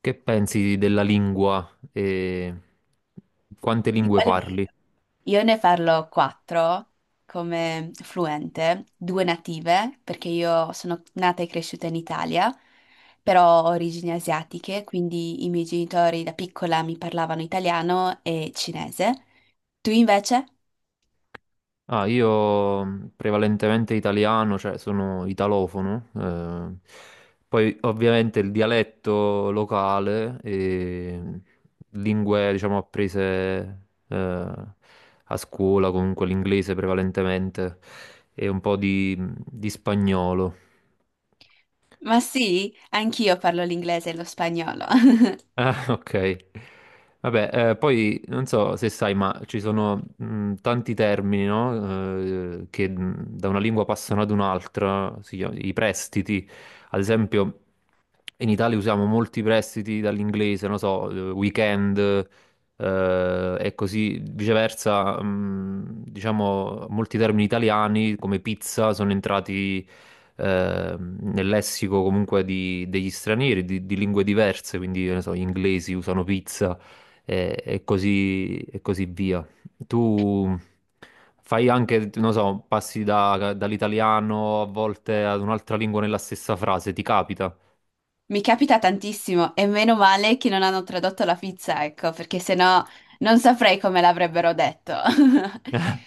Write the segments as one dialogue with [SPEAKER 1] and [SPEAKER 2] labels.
[SPEAKER 1] Che pensi della lingua e quante
[SPEAKER 2] Di
[SPEAKER 1] lingue
[SPEAKER 2] quelle lì.
[SPEAKER 1] parli?
[SPEAKER 2] Io ne parlo quattro come fluente, due native, perché io sono nata e cresciuta in Italia, però ho origini asiatiche, quindi i miei genitori da piccola mi parlavano italiano e cinese. Tu invece?
[SPEAKER 1] Prevalentemente italiano, cioè sono italofono. Poi ovviamente il dialetto locale e lingue, diciamo, apprese eh, a scuola, comunque l'inglese prevalentemente e un po' di di spagnolo.
[SPEAKER 2] Ma sì, anch'io parlo l'inglese e lo spagnolo.
[SPEAKER 1] Ah, ok. Vabbè, poi non so se sai, ma ci sono tanti termini, no? Che Da una lingua passano ad un'altra, i prestiti. Ad esempio, in Italia usiamo molti prestiti dall'inglese, non so, weekend, e così viceversa, diciamo, molti termini italiani come pizza sono entrati nel lessico comunque degli stranieri, di lingue diverse, quindi, che ne so, gli inglesi usano pizza e così via. Tu fai anche, non so, passi dall'italiano a volte ad un'altra lingua nella stessa frase, ti capita?
[SPEAKER 2] Mi capita tantissimo e meno male che non hanno tradotto la pizza, ecco, perché sennò non saprei come l'avrebbero detto.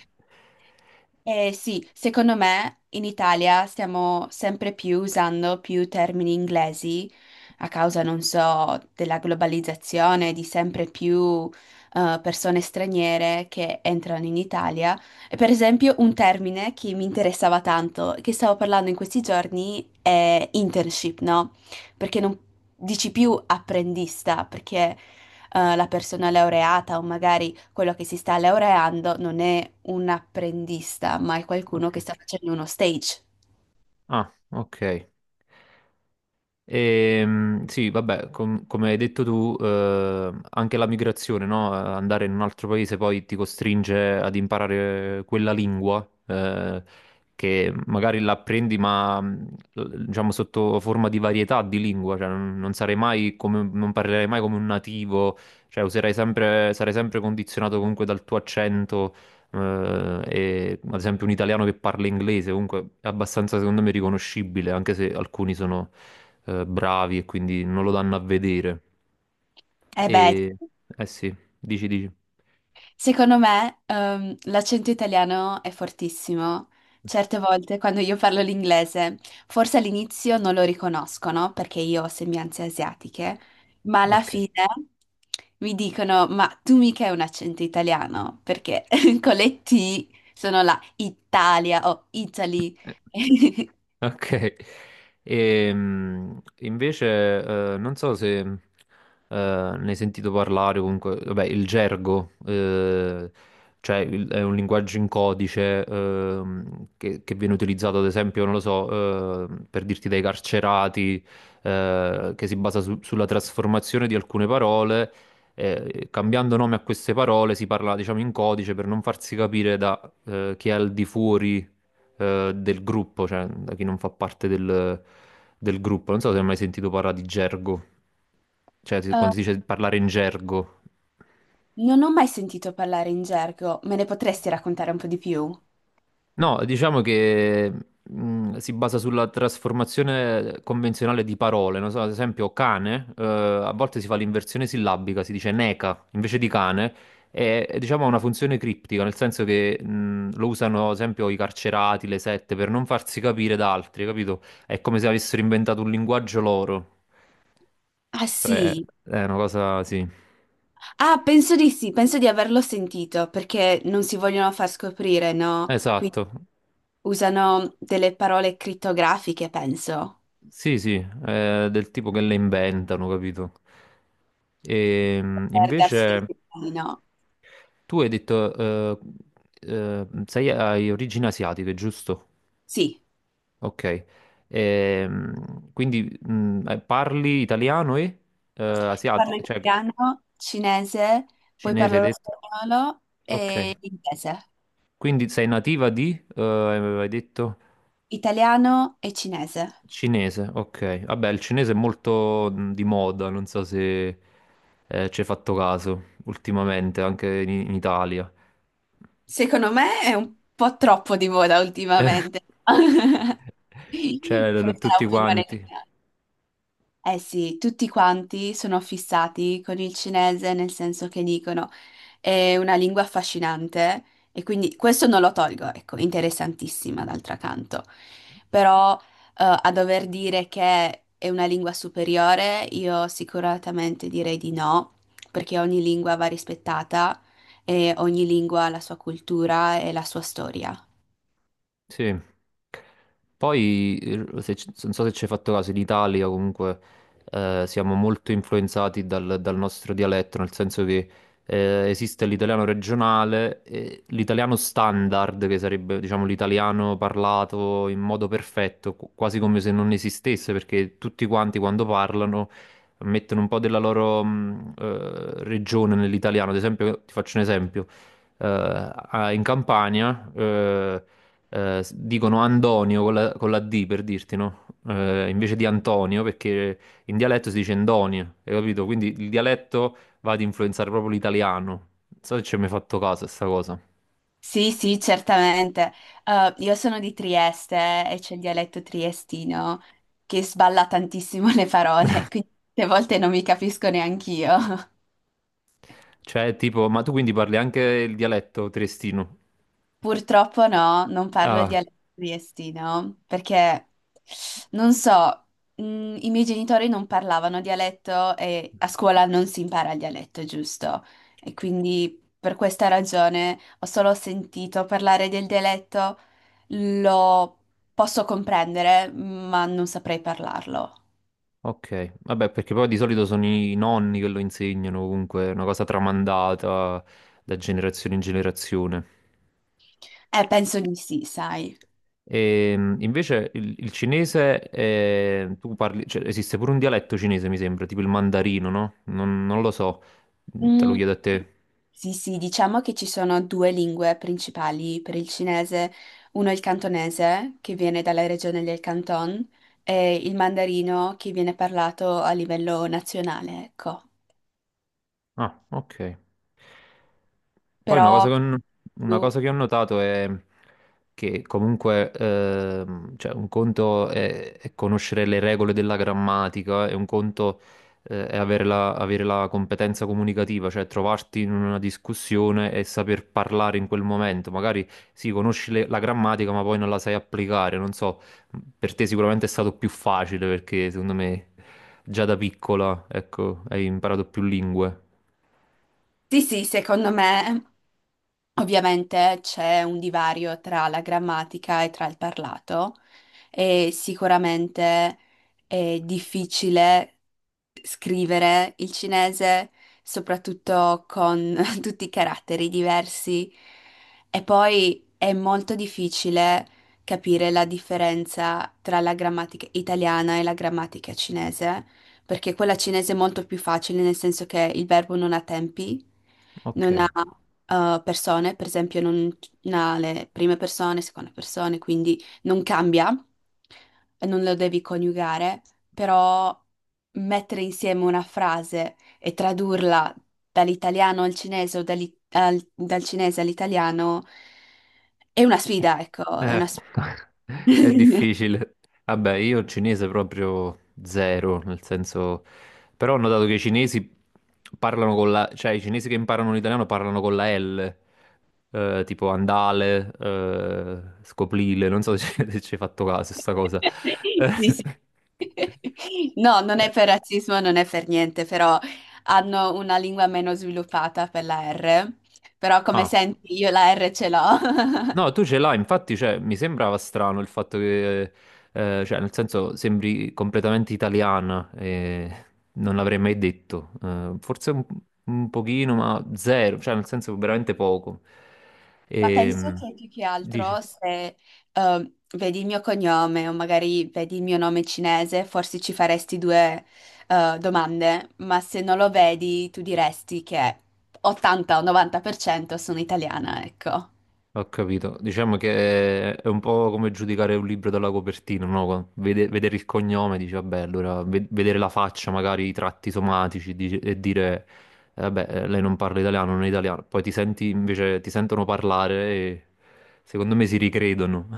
[SPEAKER 2] Eh sì, secondo me in Italia stiamo sempre più usando più termini inglesi a causa, non so, della globalizzazione, di sempre più persone straniere che entrano in Italia. E per esempio un termine che mi interessava tanto, che stavo parlando in questi giorni, è internship, no? Perché non dici più apprendista, perché la persona laureata o magari quello che si sta laureando non è un apprendista, ma è qualcuno
[SPEAKER 1] Ok.
[SPEAKER 2] che sta facendo uno stage.
[SPEAKER 1] Ah, ok. Sì, vabbè, come hai detto tu, anche la migrazione, no? Andare in un altro paese poi ti costringe ad imparare quella lingua, che magari l'apprendi, ma diciamo sotto forma di varietà di lingua, cioè non sarai mai come, non parlerai mai come un nativo, cioè userai sempre, sarai sempre condizionato comunque dal tuo accento. E ad esempio un italiano che parla inglese comunque è abbastanza secondo me riconoscibile anche se alcuni sono bravi e quindi non lo danno a vedere.
[SPEAKER 2] Eh beh,
[SPEAKER 1] E eh sì, dici, dici.
[SPEAKER 2] secondo me, l'accento italiano è fortissimo. Certe volte quando io parlo l'inglese, forse all'inizio non lo riconoscono perché io ho sembianze asiatiche, ma alla
[SPEAKER 1] Ok.
[SPEAKER 2] fine mi dicono: Ma tu mica hai un accento italiano? Perché con le T sono la Italia o Italy.
[SPEAKER 1] Ok. Invece non so se ne hai sentito parlare, o comunque, vabbè, il gergo, cioè è un linguaggio in codice che viene utilizzato, ad esempio, non lo so, per dirti dai carcerati, che si basa sulla trasformazione di alcune parole, cambiando nome a queste parole si parla, diciamo, in codice per non farsi capire da chi è al di fuori del gruppo, cioè da chi non fa parte del gruppo. Non so se hai mai sentito parlare di gergo, cioè
[SPEAKER 2] Eh,
[SPEAKER 1] quando si dice parlare in gergo.
[SPEAKER 2] non ho mai sentito parlare in gergo, me ne potresti raccontare un po' di più?
[SPEAKER 1] No, diciamo che si basa sulla trasformazione convenzionale di parole. Non so, ad esempio cane, a volte si fa l'inversione sillabica, si dice neca invece di cane. È, diciamo, ha una funzione criptica, nel senso che lo usano, ad esempio, i carcerati, le sette, per non farsi capire da altri, capito? È come se avessero inventato un linguaggio loro.
[SPEAKER 2] Ah
[SPEAKER 1] Cioè,
[SPEAKER 2] sì,
[SPEAKER 1] è una cosa, sì,
[SPEAKER 2] ah penso di sì, penso di averlo sentito perché non si vogliono far scoprire, no? Qui
[SPEAKER 1] esatto,
[SPEAKER 2] usano delle parole crittografiche, penso,
[SPEAKER 1] sì, sì, è del tipo che le inventano, capito? E
[SPEAKER 2] per darsi dei
[SPEAKER 1] invece
[SPEAKER 2] segnali, no?
[SPEAKER 1] tu hai detto, sei, hai origini asiatiche, giusto?
[SPEAKER 2] Sì,
[SPEAKER 1] Ok. E, parli italiano e
[SPEAKER 2] parlo
[SPEAKER 1] asiatico, cioè
[SPEAKER 2] italiano, cinese, poi
[SPEAKER 1] cinese hai
[SPEAKER 2] parlo lo
[SPEAKER 1] detto?
[SPEAKER 2] spagnolo
[SPEAKER 1] Ok,
[SPEAKER 2] e inglese,
[SPEAKER 1] quindi sei nativa di, hai detto?
[SPEAKER 2] italiano e cinese.
[SPEAKER 1] Cinese, ok. Vabbè, il cinese è molto di moda, non so se ci hai fatto caso ultimamente, anche in Italia.
[SPEAKER 2] Secondo me è un po' troppo di moda ultimamente. Questa è
[SPEAKER 1] Tutti
[SPEAKER 2] l'opinione
[SPEAKER 1] quanti.
[SPEAKER 2] mia. Eh sì, tutti quanti sono fissati con il cinese nel senso che dicono è una lingua affascinante e quindi questo non lo tolgo, ecco, interessantissima d'altro canto. Però a dover dire che è una lingua superiore, io sicuramente direi di no, perché ogni lingua va rispettata e ogni lingua ha la sua cultura e la sua storia.
[SPEAKER 1] Sì. Poi, se ci- non so se ci hai fatto caso, in Italia comunque siamo molto influenzati dal nostro dialetto, nel senso che esiste l'italiano regionale, e l'italiano standard, che sarebbe diciamo l'italiano parlato in modo perfetto, quasi come se non esistesse, perché tutti quanti quando parlano mettono un po' della loro regione nell'italiano. Ad esempio, ti faccio un esempio. Eh, In Campania dicono Antonio con la D per dirti, no? Invece di Antonio, perché in dialetto si dice Endonio, hai capito? Quindi il dialetto va ad influenzare proprio l'italiano. Non so se ci hai mai fatto caso a sta cosa.
[SPEAKER 2] Sì, sì, certamente. Io sono di Trieste e c'è il dialetto triestino che sballa tantissimo le parole, quindi a volte non mi capisco neanch'io.
[SPEAKER 1] Cioè, tipo, ma tu quindi parli anche il dialetto triestino?
[SPEAKER 2] Purtroppo no, non parlo il
[SPEAKER 1] Ah,
[SPEAKER 2] dialetto triestino perché non so, mh, i miei genitori non parlavano dialetto e a scuola non si impara il dialetto, giusto? E quindi per questa ragione ho solo sentito parlare del dialetto, lo posso comprendere, ma non saprei parlarlo.
[SPEAKER 1] ok. Vabbè, perché poi di solito sono i nonni che lo insegnano, comunque, è una cosa tramandata da generazione in generazione.
[SPEAKER 2] Penso di sì, sai.
[SPEAKER 1] Invece il cinese, tu parli, cioè, esiste pure un dialetto cinese, mi sembra, tipo il mandarino, no? Non lo so. Mm, te lo
[SPEAKER 2] Mm,
[SPEAKER 1] chiedo a te.
[SPEAKER 2] sì, sì, diciamo che ci sono due lingue principali per il cinese. Uno è il cantonese, che viene dalla regione del Canton, e il mandarino, che viene parlato a livello nazionale, ecco.
[SPEAKER 1] Ah, ok. Poi una cosa
[SPEAKER 2] Però,
[SPEAKER 1] che ho, una
[SPEAKER 2] tu-
[SPEAKER 1] cosa che ho notato è che comunque cioè un conto è conoscere le regole della grammatica e un conto è avere avere la competenza comunicativa, cioè trovarti in una discussione e saper parlare in quel momento. Magari sì, conosci la grammatica, ma poi non la sai applicare. Non so, per te sicuramente è stato più facile perché secondo me già da piccola, ecco, hai imparato più lingue.
[SPEAKER 2] sì, sì, secondo me ovviamente c'è un divario tra la grammatica e tra il parlato e sicuramente è difficile scrivere il cinese, soprattutto con tutti i caratteri diversi e poi è molto difficile capire la differenza tra la grammatica italiana e la grammatica cinese, perché quella cinese è molto più facile nel senso che il verbo non ha tempi,
[SPEAKER 1] Ok,
[SPEAKER 2] non ha persone, per esempio, non ha le prime persone, seconde persone, quindi non cambia, e non lo devi coniugare, però mettere insieme una frase e tradurla dall'italiano al cinese o dal cinese all'italiano è una sfida, ecco, è una sfida.
[SPEAKER 1] è difficile. Vabbè, io il cinese proprio zero, nel senso... Però ho notato che i cinesi parlano con la... cioè i cinesi che imparano l'italiano parlano con la L, tipo andale, scoprile, non so se ci se ci hai fatto caso a sta cosa.
[SPEAKER 2] Sì, sì. No, non è
[SPEAKER 1] Mm.
[SPEAKER 2] per razzismo, non è per niente, però hanno una lingua meno sviluppata per la R. Però come
[SPEAKER 1] Ah,
[SPEAKER 2] senti, io la R ce l'ho.
[SPEAKER 1] no, tu ce l'hai, infatti, cioè, mi sembrava strano il fatto che, cioè, nel senso, sembri completamente italiana e non l'avrei mai detto. Forse un pochino, ma zero, cioè, nel senso, veramente poco.
[SPEAKER 2] Ma
[SPEAKER 1] E,
[SPEAKER 2] penso che più che
[SPEAKER 1] dici?
[SPEAKER 2] altro se vedi il mio cognome o magari vedi il mio nome cinese, forse ci faresti due domande, ma se non lo vedi, tu diresti che 80 o 90% sono italiana, ecco.
[SPEAKER 1] Ho capito. Diciamo che è un po' come giudicare un libro dalla copertina, no? Vedere il cognome, dici, vabbè, allora vedere la faccia, magari i tratti somatici, e dire, vabbè, lei non parla italiano, non è italiano. Poi ti senti invece, ti sentono parlare e secondo me si ricredono.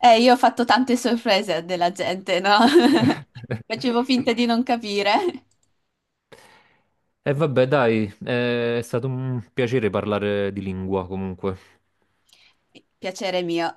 [SPEAKER 2] Io ho fatto tante sorprese della gente, no? Facevo finta di non capire.
[SPEAKER 1] E vabbè, dai, è stato un piacere parlare di lingua comunque.
[SPEAKER 2] Piacere mio.